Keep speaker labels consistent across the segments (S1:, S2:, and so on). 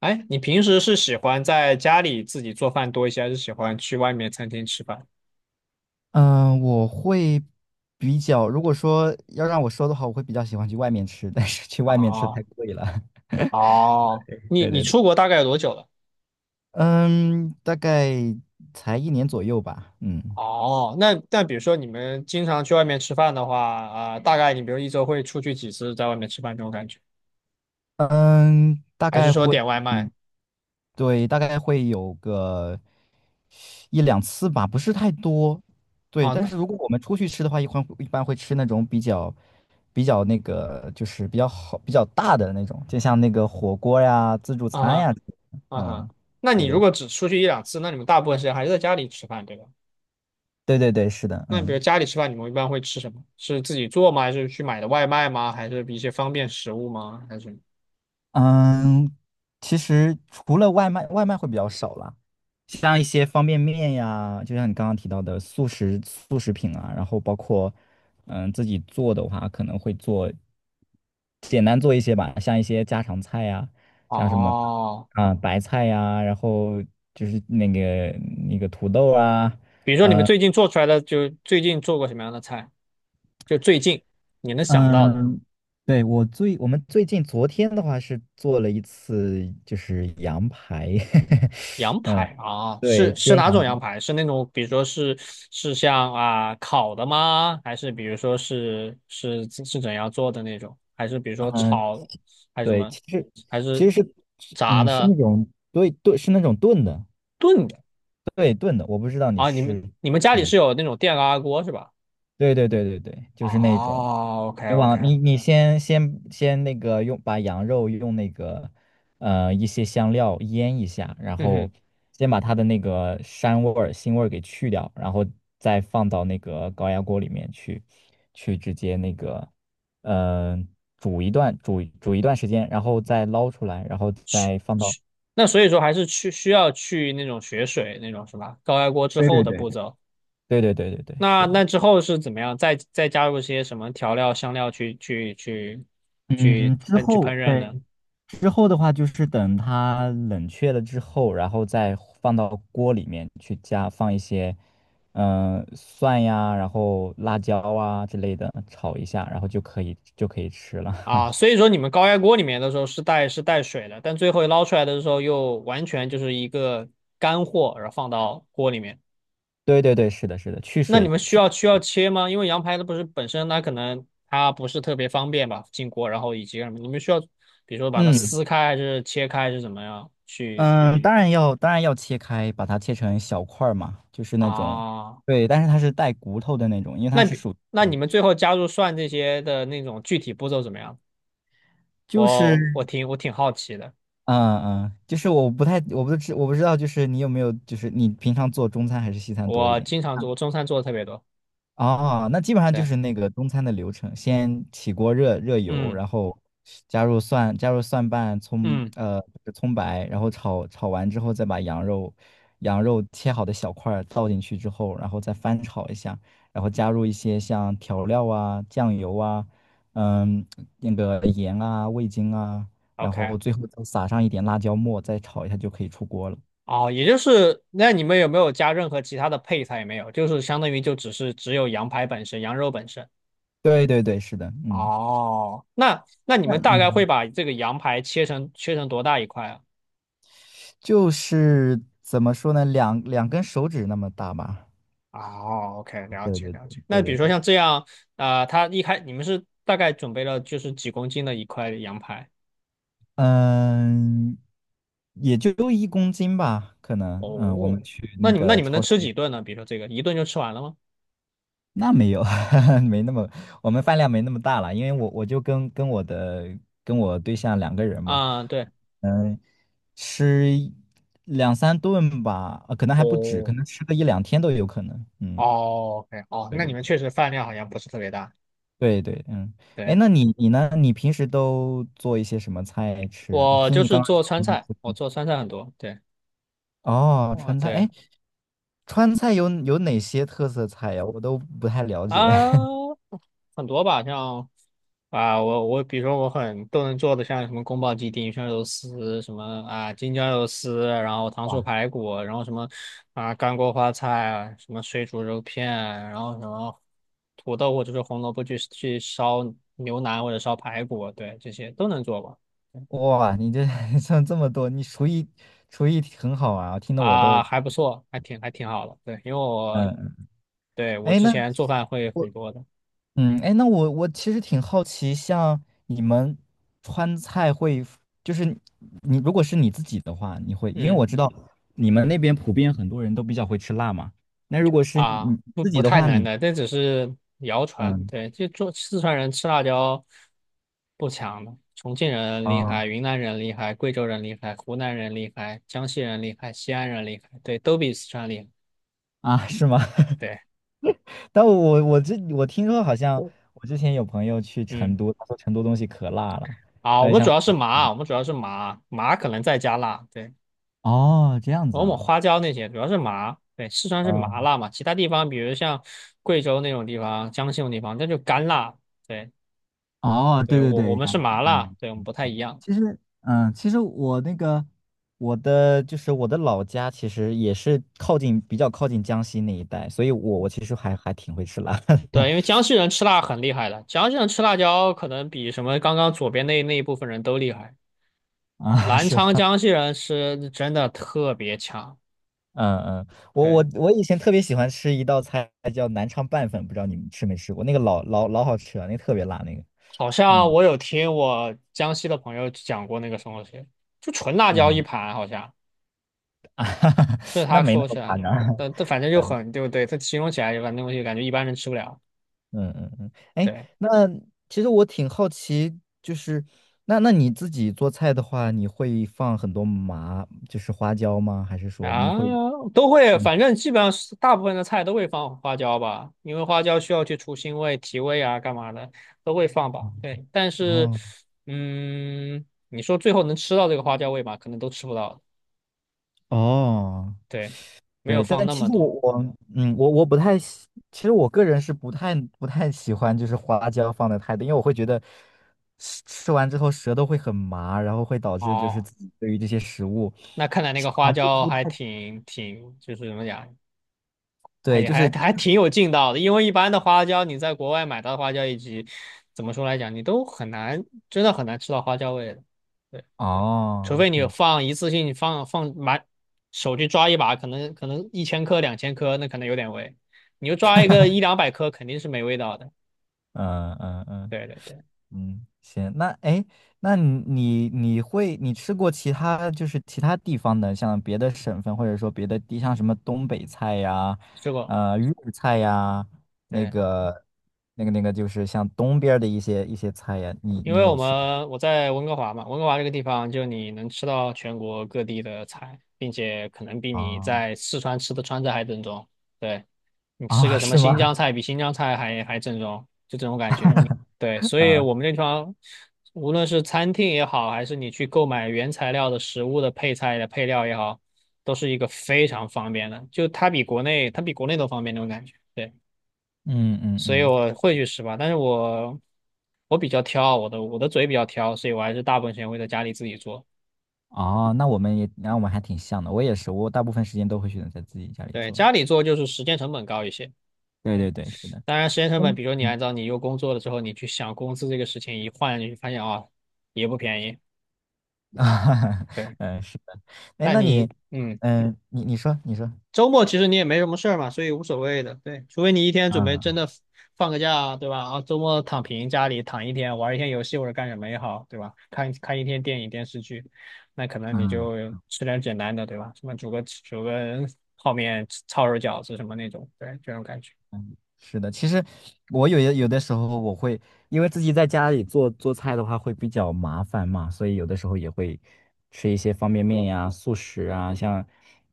S1: 哎，你平时是喜欢在家里自己做饭多一些，还是喜欢去外面餐厅吃饭？
S2: 嗯，我会如果说要让我说的话，我会比较喜欢去外面吃，但是去外面吃
S1: 哦
S2: 太贵了。
S1: 哦，你
S2: 对
S1: 你
S2: 对对。
S1: 出国大概有多久了？
S2: 嗯，大概才1年左右吧。嗯
S1: 哦，那比如说你们经常去外面吃饭的话，大概你比如一周会出去几次在外面吃饭这种感觉，
S2: 嗯，大
S1: 还是
S2: 概
S1: 说点外
S2: 嗯
S1: 卖？
S2: 对，大概会有个一两次吧，不是太多。对，
S1: 哦，
S2: 但
S1: 那
S2: 是如果我们出去吃的话，一般会吃那种比较比较那个，就是比较好、比较大的那种，就像那个火锅呀、自助餐
S1: 啊哈
S2: 呀。
S1: 啊
S2: 嗯，
S1: 哈，那你
S2: 对
S1: 如
S2: 对
S1: 果只出去一两次，那你们大部分时间还是在家里吃饭，对吧？
S2: 对对对，是的。
S1: 那比如
S2: 嗯
S1: 家里吃饭，你们一般会吃什么？是自己做吗？还是去买的外卖吗？还是一些方便食物吗？还是什么？
S2: 嗯，其实除了外卖，外卖会比较少啦，像一些方便面呀，就像你刚刚提到的速食品啊，然后包括自己做的话，可能简单做一些吧，像一些家常菜呀，像什么
S1: 哦，
S2: 啊白菜呀，然后就是那个土豆啊。
S1: 比如说你们最近做出来的，就最近做过什么样的菜？就最近你能想到的
S2: 嗯，对，我们最近昨天的话是做了一次就是羊排。
S1: 羊
S2: 嗯，
S1: 排啊，
S2: 对，
S1: 是
S2: 煎
S1: 哪种羊
S2: 羊。
S1: 排？是那种比如说是像啊烤的吗？还是比如说是怎样做的那种？还是比如说
S2: 嗯，
S1: 炒还是什
S2: 对，
S1: 么？
S2: 其实
S1: 还
S2: 其
S1: 是
S2: 实是
S1: 炸
S2: 是那
S1: 的
S2: 种，对，炖，是那种炖的，
S1: 炖的
S2: 对，炖的，我不知道你
S1: 啊？你们
S2: 是
S1: 你们家
S2: 是
S1: 里
S2: 没，
S1: 是有那种电高压锅是吧？
S2: 对对对对对，就是那种。
S1: 哦，OK
S2: 你往
S1: OK，
S2: 你先用把羊肉用一些香料腌一下，然
S1: 嗯
S2: 后
S1: 哼。
S2: 先把它的那个膻味儿、腥味儿给去掉，然后再放到那个高压锅里面去，去直接呃煮一段时间，然后再捞出来，然后再放到。
S1: 那所以说还是需要去那种血水那种是吧？高压锅之
S2: 对
S1: 后
S2: 对
S1: 的
S2: 对。
S1: 步骤，
S2: 对对对对对，
S1: 那
S2: 是的。
S1: 那之后是怎么样？再加入一些什么调料、香料去去去去
S2: 嗯，之
S1: 烹去烹
S2: 后，
S1: 饪
S2: 对。
S1: 呢？
S2: 之后的话，就是等它冷却了之后，然后再放到锅里面去加放一些，嗯、蒜呀，然后辣椒啊之类的炒一下，然后就可以吃了。
S1: 啊，所以说你们高压锅里面的时候是带水的，但最后捞出来的时候又完全就是一个干货，然后放到锅里面。
S2: 对对对，是的，是的。去
S1: 那你
S2: 水，
S1: 们需
S2: 去。
S1: 要需要切吗？因为羊排它不是本身它可能它不是特别方便吧，进锅，然后以及什么，你们需要比如说把它
S2: 嗯
S1: 撕开还是切开还是怎么样去
S2: 嗯，当然要切开，把它切成小块儿嘛，就是那种。
S1: 啊，
S2: 对，但是它是带骨头的那种，因为
S1: 那
S2: 它是
S1: 比
S2: 属，
S1: 那你们最后加入蒜这些的那种具体步骤怎么样？
S2: 就是
S1: 我挺好奇的，
S2: 嗯，就是我不知道，就是你有没有，就是你平常做中餐还是西餐多一
S1: 我
S2: 点？
S1: 经常做，我中餐做的特别多。
S2: 啊，那基本上就
S1: 对，
S2: 是那个中餐的流程，先起锅热热油，
S1: 嗯
S2: 然后加入蒜，加入蒜瓣、葱，
S1: 嗯
S2: 就是葱白，然后炒完之后，再把羊肉切好的小块儿倒进去之后，然后再翻炒一下，然后加入一些像调料啊、酱油啊，嗯，盐啊、味精啊，然
S1: ，OK，
S2: 后最后再撒上一点辣椒末，再炒一下就可以出锅了。
S1: 哦，也就是那你们有没有加任何其他的配菜？也没有，就是相当于就只是只有羊排本身，羊肉本身。
S2: 对对对，是的。嗯，
S1: 哦，那你
S2: 那
S1: 们大概会
S2: 嗯。
S1: 把这个羊排切成多大一块啊？
S2: 就是怎么说呢，2根手指那么大吧。
S1: 哦，OK，了
S2: 对
S1: 解
S2: 对
S1: 了
S2: 对
S1: 解。那
S2: 对
S1: 比
S2: 对
S1: 如说
S2: 对。
S1: 像这样，他一开你们是大概准备了就是几公斤的一块羊排。
S2: 嗯，也就1公斤吧，可能。嗯，我们
S1: 哦，
S2: 去
S1: 那
S2: 那
S1: 你们那
S2: 个
S1: 你们能
S2: 超市。
S1: 吃几顿呢？比如说这个一顿就吃完了吗？
S2: 那没有。没那么，我们饭量没那么大了，因为我就跟我对象2个人嘛。
S1: 对，
S2: 嗯，吃一两三顿吧，可能还不止，可
S1: 哦
S2: 能吃个一两天都有可能。嗯，
S1: 哦，OK，哦，
S2: 对
S1: 那你
S2: 对
S1: 们
S2: 对。
S1: 确实饭量好像不是特别大。
S2: 对对。嗯，哎，
S1: 对，
S2: 那你呢？你平时都做一些什么菜吃啊？
S1: 我
S2: 听
S1: 就
S2: 你
S1: 是
S2: 刚刚
S1: 做
S2: 说
S1: 川
S2: 你
S1: 菜，我
S2: 吃。
S1: 做川菜很多，对，
S2: 哦，
S1: 哦
S2: 川菜。
S1: 对
S2: 哎，川菜有哪些特色菜呀？我都不太了解。
S1: 啊，很多吧，像啊，我比如说我很都能做的，像什么宫保鸡丁、鱼香肉丝，什么啊京酱肉丝，然后糖醋
S2: 哇
S1: 排骨，然后什么啊干锅花菜，什么水煮肉片，然后什么土豆或者是红萝卜去烧牛腩或者烧排骨，对，这些都能做吧。
S2: 哇，你这 像这么多，你厨艺很好啊，听得我
S1: 啊，
S2: 都。
S1: 还不错，还挺好的，对，因为我
S2: 嗯，
S1: 对我
S2: 哎，
S1: 之
S2: 那
S1: 前做饭会
S2: 我。
S1: 很多的，
S2: 哎，那我其实挺好奇，像你们川菜会，就是你如果是你自己的话，你会，因为
S1: 嗯。
S2: 我知道你们那边普遍很多人都比较会吃辣嘛。那如果是
S1: 啊，
S2: 你
S1: 不
S2: 自
S1: 不
S2: 己的
S1: 太
S2: 话，
S1: 难
S2: 你。
S1: 的，这只是谣传。
S2: 嗯
S1: 对，就做四川人吃辣椒不强的，重庆人厉害，
S2: 啊
S1: 云南人厉害，贵州人厉害，湖南人厉害，江西人厉害，西安人厉害，对，都比四川厉害。
S2: 啊，是吗？
S1: 对，
S2: 但我听说好像我之前有朋友去成
S1: 嗯，
S2: 都，他说成都东西可辣了。
S1: 啊，
S2: 还
S1: 我
S2: 有
S1: 们
S2: 像。
S1: 主要是麻啊，我们主要是麻，麻可能再加辣，对，
S2: 哦，这样子
S1: 我们
S2: 啊。
S1: 花椒那些主要是麻，对，四川是麻
S2: 嗯
S1: 辣嘛，其他地方比如像贵州那种地方、江西那种地方，那就干辣，对，
S2: 哦，对
S1: 对，
S2: 对
S1: 我我
S2: 对，
S1: 们
S2: 干
S1: 是
S2: 嘛？
S1: 麻辣，
S2: 嗯。
S1: 对，我们不太一样。
S2: 其实，我我的就是我的老家，其实也是比较靠近江西那一带，所以我其实还挺会吃辣的
S1: 对，因 为江西人吃辣很厉害的，江西人吃辣椒可能比什么刚刚左边那一部分人都厉害。
S2: 啊，
S1: 南
S2: 是
S1: 昌
S2: 吧？
S1: 江西人是真的特别强，
S2: 嗯嗯，
S1: 对，
S2: 我以前特别喜欢吃一道菜叫南昌拌粉，不知道你们吃没吃过？那个老老老好吃了，那个特别辣那个。
S1: 好像
S2: 嗯
S1: 我有听我江西的朋友讲过那个什么东西，就纯辣椒一
S2: 嗯，
S1: 盘，好像这是
S2: 那
S1: 他
S2: 没那
S1: 说
S2: 么
S1: 起
S2: 夸
S1: 来，
S2: 张。
S1: 但 但反正就很，对不对？他形容起来就反正东西感觉一般人吃不了。
S2: 嗯，哎，
S1: 对。
S2: 那其实我挺好奇，就是那，那你自己做菜的话，你会放很多麻，就是花椒吗？还是说你
S1: 啊，
S2: 会
S1: 都会，
S2: 放？
S1: 反正基本上是大部分的菜都会放花椒吧，因为花椒需要去除腥味、提味啊，干嘛的都会放
S2: 哦
S1: 吧。对，但是，
S2: 哦
S1: 嗯，你说最后能吃到这个花椒味吧，可能都吃不到。
S2: 哦，
S1: 对，没有
S2: 对，
S1: 放
S2: 但
S1: 那
S2: 其
S1: 么
S2: 实
S1: 多。
S2: 我我嗯我我不太喜，其实我个人是不太喜欢就是花椒放的太多，因为我会觉得吃完之后舌头会很麻，然后会导致就是
S1: 哦，
S2: 自己对于这些食物
S1: 那看来那个花
S2: 尝不
S1: 椒
S2: 出太，
S1: 还挺，就是怎么讲，
S2: 对，
S1: 还还
S2: 就
S1: 还
S2: 是。
S1: 挺有劲道的。因为一般的花椒，你在国外买到的花椒以及怎么说来讲，你都很难，真的很难吃到花椒味的。对。除
S2: 哦，
S1: 非你
S2: 对。
S1: 放一次性放买手去抓一把，可能1000颗2000颗，那可能有点味。你就抓一个一两百颗，肯定是没味道的。
S2: 嗯嗯嗯
S1: 对对对，
S2: 行。那，哎，诶，那你吃过其他其他地方的，像别的省份或者说别的地，像什么东北菜呀，
S1: 吃过。
S2: 粤菜呀，那
S1: 对，
S2: 个就是像东边儿的一些菜呀，
S1: 因
S2: 你
S1: 为
S2: 有吃过
S1: 我在温哥华嘛，温哥华这个地方就你能吃到全国各地的菜，并且可能比你
S2: 啊
S1: 在四川吃的川菜还正宗。对。你吃
S2: 啊，
S1: 个什么
S2: 是
S1: 新疆
S2: 吗？
S1: 菜，比新疆菜还正宗，就这种感觉。对，所以我 们这地方，无论是餐厅也好，还是你去购买原材料的食物的配菜的配料也好，都是一个非常方便的，就它比国内都方便那种感觉。对，
S2: 嗯嗯
S1: 所以
S2: 嗯，
S1: 我会去吃吧，但是我比较挑，我的嘴比较挑，所以我还是大部分时间会在家里自己做。
S2: 哦，那我们也，那我们还挺像的。我也是，我大部分时间都会选择在自己家里
S1: 对，
S2: 做。
S1: 家里做就是时间成本高一些。
S2: 对
S1: 对。
S2: 对对，是的。
S1: 当然，时间成本，
S2: 嗯
S1: 比如你
S2: 嗯
S1: 按照你又工作了之后，你去想工资这个事情，一换你就发现啊，也不便宜。
S2: 啊，哈。
S1: 对，
S2: 是的。哎，
S1: 但
S2: 那你。
S1: 你
S2: 你说，你说。
S1: 周末其实你也没什么事儿嘛，所以无所谓的。对，除非你一天准备真
S2: 嗯
S1: 的放个假啊，对吧？啊，周末躺平家里躺一天，玩一天游戏或者干什么也好，对吧？看看一天电影电视剧，那可能你
S2: 嗯，
S1: 就吃点简单的，对吧？什么煮个泡面、抄手饺子什么那种，对，这种感觉。
S2: 是的，其实我有的时候我会，因为自己在家里做做菜的话会比较麻烦嘛，所以有的时候也会吃一些方便面呀、速食啊，像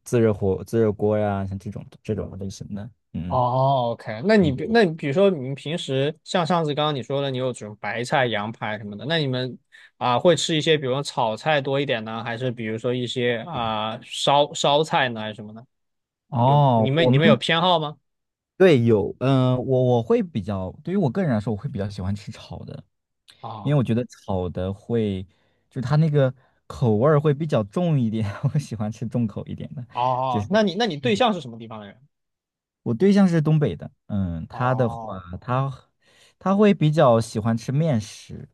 S2: 自热火、自热锅呀，像这种类型的。嗯
S1: 哦，OK，那你比
S2: 对的。
S1: 那你比如说你们平时像上次刚刚你说了，你有这种白菜、羊排什么的，那你们会吃一些，比如说炒菜多一点呢，还是比如说一些烧菜呢，还是什么呢？有你
S2: 哦，
S1: 们你们有偏好吗？
S2: 对，有。嗯、我我会比较，对于我个人来说，我会比较喜欢吃炒的，因为
S1: 哦
S2: 我觉得炒的会，就是它那个口味儿会比较重一点，我喜欢吃重口一点的。就
S1: 哦，
S2: 是
S1: 那你对象是什么地方的人？
S2: 我对象是东北的。嗯，他的话，
S1: 哦
S2: 他他会比较喜欢吃面食，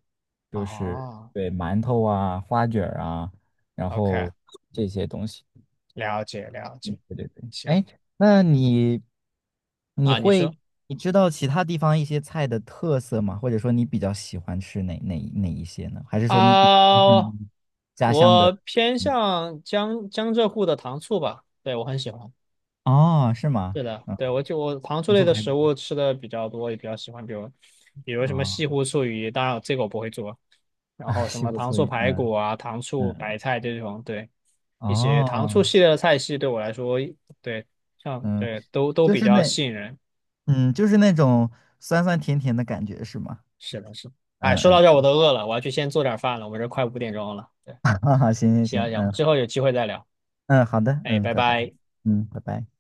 S2: 就是
S1: 哦
S2: 对馒头啊、花卷儿啊，然
S1: ，OK，
S2: 后这些东西。
S1: 了解了解，
S2: 对对对。
S1: 行
S2: 哎，那你
S1: 啊，你
S2: 会
S1: 说
S2: 你知道其他地方一些菜的特色吗？或者说你比较喜欢吃哪一些呢？还是说你比
S1: 啊、
S2: 嗯，家乡
S1: 我
S2: 的？
S1: 偏
S2: 嗯
S1: 向江浙沪的糖醋吧，对我很喜欢。
S2: 哦，是吗？
S1: 是的，
S2: 嗯，
S1: 对，我糖醋
S2: 糖
S1: 类
S2: 醋
S1: 的
S2: 排
S1: 食
S2: 骨。
S1: 物吃的比较多，也比较喜欢，比如什么西
S2: 哦，
S1: 湖醋鱼，当然这个我不会做，然
S2: 啊
S1: 后什
S2: 西
S1: 么
S2: 湖
S1: 糖
S2: 醋
S1: 醋
S2: 鱼。
S1: 排
S2: 嗯
S1: 骨啊、糖醋
S2: 嗯，
S1: 白菜这种，对，一些糖醋
S2: 哦。
S1: 系列的菜系对我来说，对，像
S2: 嗯，
S1: 对都都
S2: 就
S1: 比
S2: 是
S1: 较
S2: 那，
S1: 吸引人。
S2: 嗯，就是那种酸酸甜甜的感觉，是吗？
S1: 是的，是的。哎，
S2: 嗯
S1: 说
S2: 嗯，
S1: 到这儿我都饿了，我要去先做点饭了，我这快5点钟了。对，
S2: 哈哈，行行
S1: 行啊
S2: 行。
S1: 行，
S2: 嗯
S1: 之后有机会再聊。
S2: 嗯，好的。
S1: 哎，
S2: 嗯，
S1: 拜
S2: 拜拜。
S1: 拜。
S2: 拜拜。